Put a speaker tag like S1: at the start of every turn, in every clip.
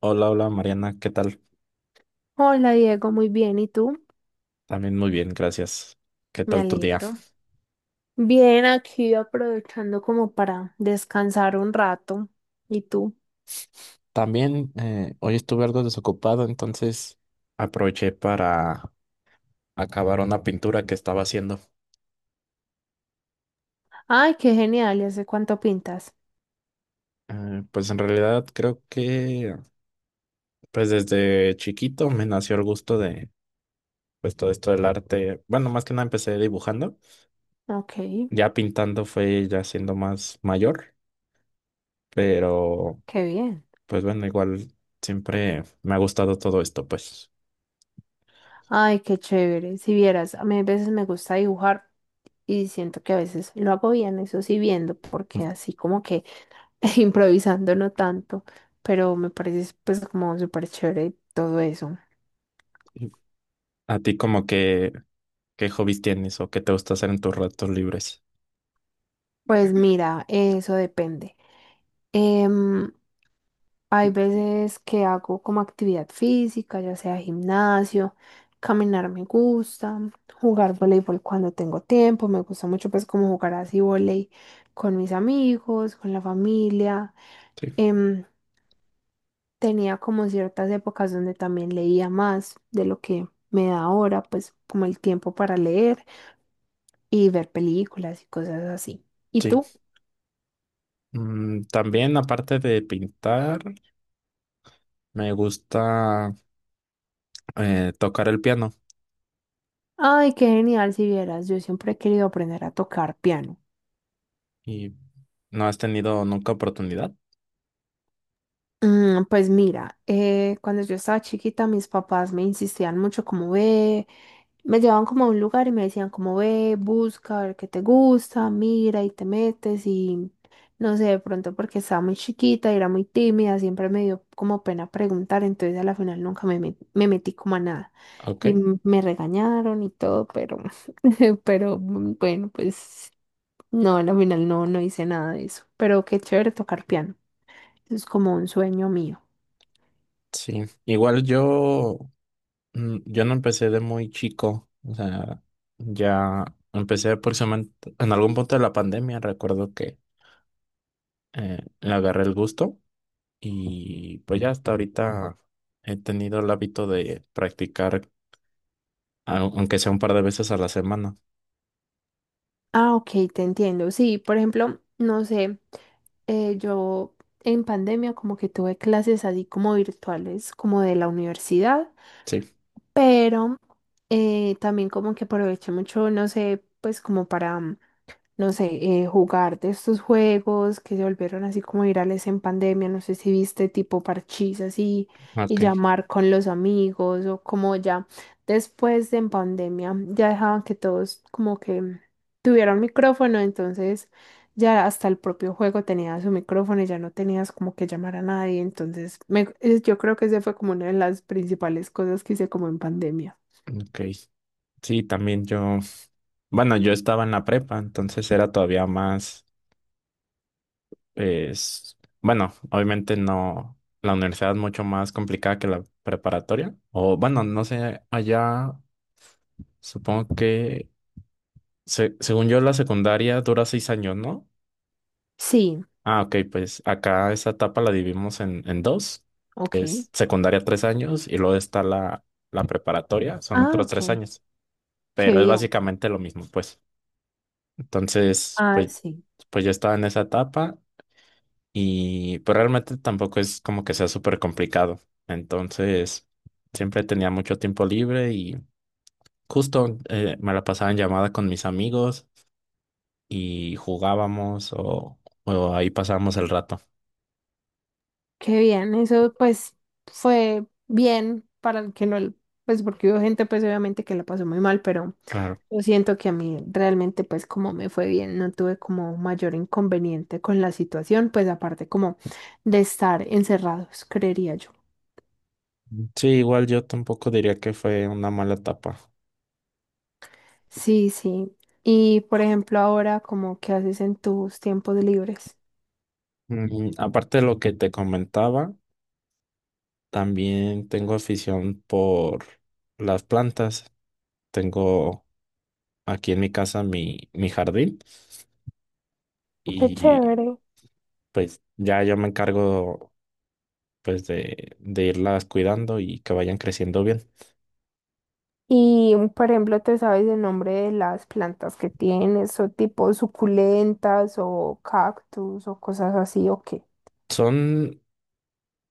S1: Hola, hola Mariana, ¿qué tal?
S2: Hola Diego, muy bien. ¿Y tú?
S1: También muy bien, gracias. ¿Qué
S2: Me
S1: tal tu día?
S2: alegro. Bien, aquí aprovechando como para descansar un rato. ¿Y tú?
S1: También hoy estuve algo desocupado, entonces aproveché para acabar una pintura que estaba haciendo.
S2: Ay, qué genial. ¿Y hace cuánto pintas?
S1: Pues en realidad creo que pues desde chiquito me nació el gusto de pues todo esto del arte. Bueno, más que nada empecé dibujando,
S2: Ok,
S1: ya pintando fue ya siendo más mayor, pero
S2: qué bien.
S1: pues bueno, igual siempre me ha gustado todo esto, pues.
S2: Ay, qué chévere. Si vieras, a mí a veces me gusta dibujar y siento que a veces lo hago bien, eso sí viendo, porque así como que improvisando no tanto, pero me parece pues como súper chévere todo eso.
S1: ¿A ti como que ¿Qué hobbies tienes o qué te gusta hacer en tus ratos libres?
S2: Pues mira, eso depende. Em, Hay veces que hago como actividad física, ya sea gimnasio, caminar me gusta, jugar voleibol cuando tengo tiempo, me gusta mucho pues como jugar así voleibol con mis amigos, con la familia.
S1: Sí,
S2: Em, Tenía como ciertas épocas donde también leía más de lo que me da ahora, pues como el tiempo para leer y ver películas y cosas así. ¿Y tú?
S1: sí. También, aparte de pintar, me gusta tocar el piano.
S2: Ay, qué genial si vieras, yo siempre he querido aprender a tocar piano.
S1: ¿Y no has tenido nunca oportunidad?
S2: Mm, pues mira, cuando yo estaba chiquita, mis papás me insistían mucho como ve, me llevaban como a un lugar y me decían como ve, busca, a ver qué te gusta, mira y te metes y no sé, de pronto porque estaba muy chiquita y era muy tímida, siempre me dio como pena preguntar, entonces a la final nunca me metí como a nada y
S1: Ok,
S2: me regañaron y todo, pero, pero bueno, pues no, a la final no, no hice nada de eso, pero qué chévere tocar piano. Eso es como un sueño mío.
S1: sí. Igual yo no empecé de muy chico. O sea, ya empecé aproximadamente en algún punto de la pandemia. Recuerdo que le agarré el gusto y pues ya hasta ahorita he tenido el hábito de practicar aunque sea un par de veces a la semana.
S2: Ah, ok, te entiendo. Sí, por ejemplo, no sé, yo en pandemia como que tuve clases así como virtuales, como de la universidad,
S1: Sí,
S2: pero también como que aproveché mucho, no sé, pues como para... no sé, jugar de estos juegos que se volvieron así como virales en pandemia, no sé si viste tipo parchís así y
S1: ok,
S2: llamar con los amigos o como ya después de en pandemia ya dejaban que todos como que tuvieran micrófono, entonces ya hasta el propio juego tenía su micrófono y ya no tenías como que llamar a nadie, entonces yo creo que esa fue como una de las principales cosas que hice como en pandemia.
S1: ok. Sí, también yo, bueno, yo estaba en la prepa, entonces era todavía más, es, bueno, obviamente no, la universidad es mucho más complicada que la preparatoria, o bueno, no sé, allá supongo que, según yo, la secundaria dura 6 años, ¿no?
S2: Sí,
S1: Ah, ok, pues acá esa etapa la dividimos en dos, que
S2: ok.
S1: es secundaria 3 años y luego está la preparatoria, son
S2: Ah,
S1: otros tres
S2: ok.
S1: años.
S2: Qué
S1: Pero es
S2: bien.
S1: básicamente lo mismo, pues. Entonces,
S2: Ah,
S1: pues,
S2: sí.
S1: pues yo estaba en esa etapa y pues realmente tampoco es como que sea súper complicado. Entonces, siempre tenía mucho tiempo libre y justo me la pasaba en llamada con mis amigos y jugábamos o ahí pasábamos el rato.
S2: Qué bien, eso pues fue bien para el que no, pues porque hubo gente pues obviamente que la pasó muy mal, pero
S1: Claro.
S2: yo siento que a mí realmente pues como me fue bien, no tuve como mayor inconveniente con la situación, pues aparte como de estar encerrados, creería yo.
S1: Sí, igual yo tampoco diría que fue una mala etapa.
S2: Sí, sí. Y por ejemplo ahora como qué haces en tus tiempos libres.
S1: Aparte de lo que te comentaba, también tengo afición por las plantas. Tengo aquí en mi casa mi jardín
S2: Qué
S1: y
S2: chévere.
S1: pues ya yo me encargo pues de irlas cuidando y que vayan creciendo bien.
S2: Y, por ejemplo, ¿te sabes el nombre de las plantas que tienes, o tipo suculentas, o cactus, o cosas así, o qué?
S1: Son,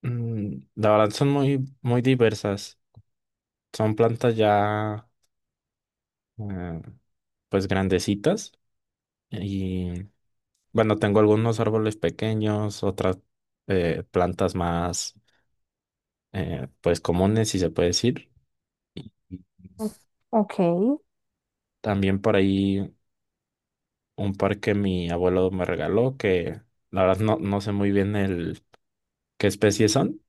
S1: la verdad son muy, muy diversas. Son plantas ya eh, pues grandecitas y bueno, tengo algunos árboles pequeños, otras plantas más pues comunes si se puede decir.
S2: O- Ok.
S1: También por ahí un par que mi abuelo me regaló, que la verdad no sé muy bien el qué especies son,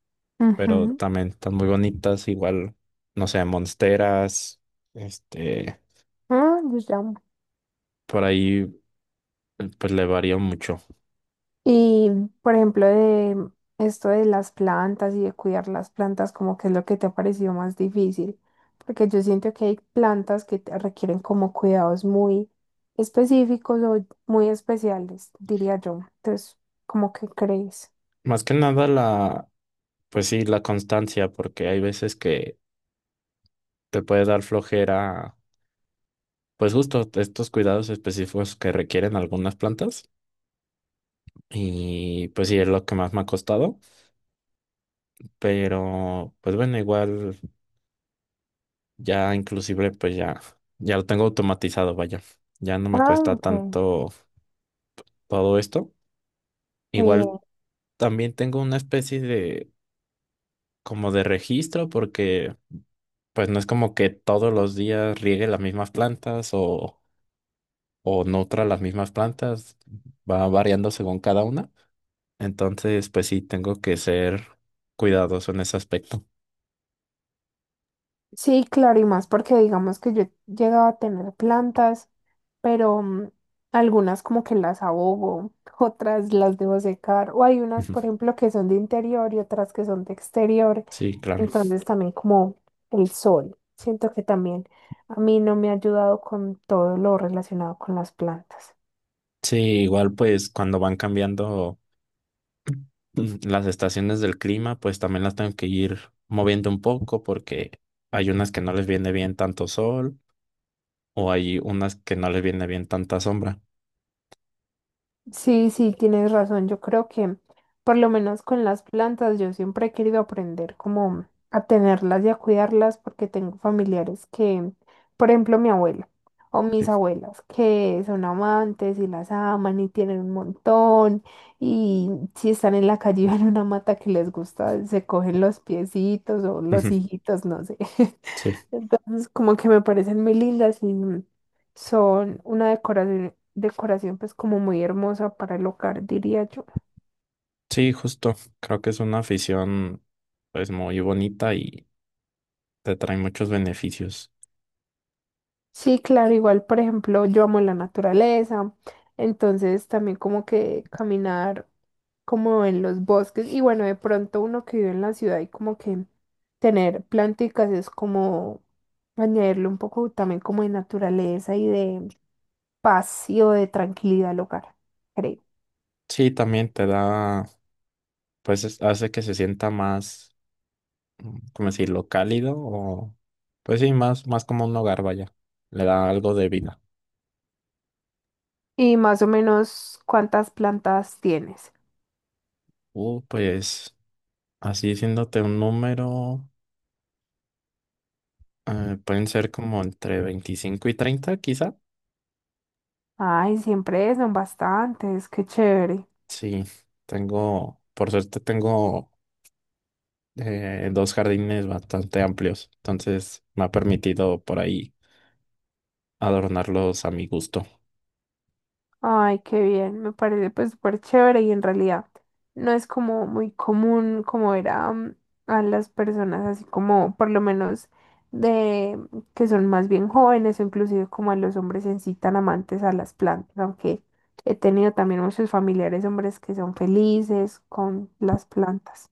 S1: pero
S2: Ujú.
S1: también están muy bonitas, igual, no sé, monsteras, este,
S2: Ah.
S1: por ahí pues le varía mucho.
S2: Y, por ejemplo, de esto de las plantas y de cuidar las plantas, como que es lo que te ha parecido más difícil, porque yo siento que hay plantas que te requieren como cuidados muy específicos o muy especiales, diría yo. Entonces, ¿cómo que crees?
S1: Más que nada la, pues sí, la constancia, porque hay veces que te puede dar flojera, pues justo estos cuidados específicos que requieren algunas plantas. Y pues sí, es lo que más me ha costado, pero pues bueno, igual. Ya inclusive pues ya lo tengo automatizado, vaya. Ya no me
S2: Ah,
S1: cuesta
S2: ok.
S1: tanto todo esto.
S2: Qué bien.
S1: Igual también tengo una especie de como de registro porque pues no es como que todos los días riegue las mismas plantas o nutra las mismas plantas. Va variando según cada una. Entonces pues sí, tengo que ser cuidadoso en ese aspecto.
S2: Sí, claro, y más porque digamos que yo llegaba a tener plantas, pero algunas como que las abogo, otras las debo secar, o hay unas, por ejemplo, que son de interior y otras que son de exterior,
S1: Sí, claro.
S2: entonces también como el sol, siento que también a mí no me ha ayudado con todo lo relacionado con las plantas.
S1: Sí, igual pues cuando van cambiando. Las estaciones del clima, pues también las tengo que ir moviendo un poco porque hay unas que no les viene bien tanto sol o hay unas que no les viene bien tanta sombra.
S2: Sí, sí, tienes razón. Yo creo que por lo menos con las plantas yo siempre he querido aprender como a tenerlas y a cuidarlas porque tengo familiares que, por ejemplo, mi abuela o mis
S1: Sí.
S2: abuelas que son amantes y las aman y tienen un montón y si están en la calle y ven una mata que les gusta, se cogen los piecitos o los
S1: Ujú.
S2: hijitos, no sé.
S1: Sí,
S2: Entonces, como que me parecen muy lindas y son una decoración, decoración pues como muy hermosa para el hogar, diría yo.
S1: sí, justo. Creo que es una afición pues muy bonita y te trae muchos beneficios.
S2: Sí, claro, igual, por ejemplo, yo amo la naturaleza, entonces también como que caminar como en los bosques y bueno, de pronto uno que vive en la ciudad y como que tener planticas es como añadirle un poco también como de naturaleza y de paz y o de tranquilidad al hogar, creo.
S1: Sí, también te da, pues hace que se sienta más, ¿cómo decirlo? Cálido o, pues sí, más, más como un hogar, vaya. Le da algo de vida.
S2: Y más o menos, ¿cuántas plantas tienes?
S1: Pues así diciéndote un número, pueden ser como entre 25 y 30 quizá.
S2: Ay, siempre son bastantes, qué chévere.
S1: Sí, tengo, por suerte tengo dos jardines bastante amplios, entonces me ha permitido por ahí adornarlos a mi gusto.
S2: Ay, qué bien, me parece pues súper chévere y en realidad no es como muy común como ver a, a las personas así como por lo menos de que son más bien jóvenes o inclusive como a los hombres en sí tan amantes a las plantas, aunque he tenido también muchos familiares hombres que son felices con las plantas,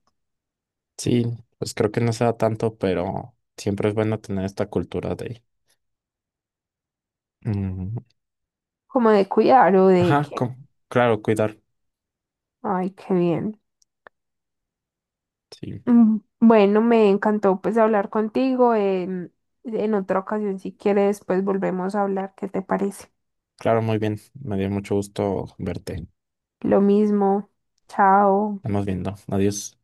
S1: Sí, pues creo que no se da tanto, pero siempre es bueno tener esta cultura de, mm,
S2: como de cuidar o de
S1: ajá,
S2: que,
S1: claro, cuidar.
S2: ay, qué bien.
S1: Sí,
S2: Bueno, me encantó pues hablar contigo. em, en otra ocasión, si quieres, pues volvemos a hablar. ¿Qué te parece?
S1: claro, muy bien. Me dio mucho gusto verte.
S2: Lo mismo. Chao.
S1: Estamos viendo. Adiós.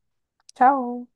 S2: Chao.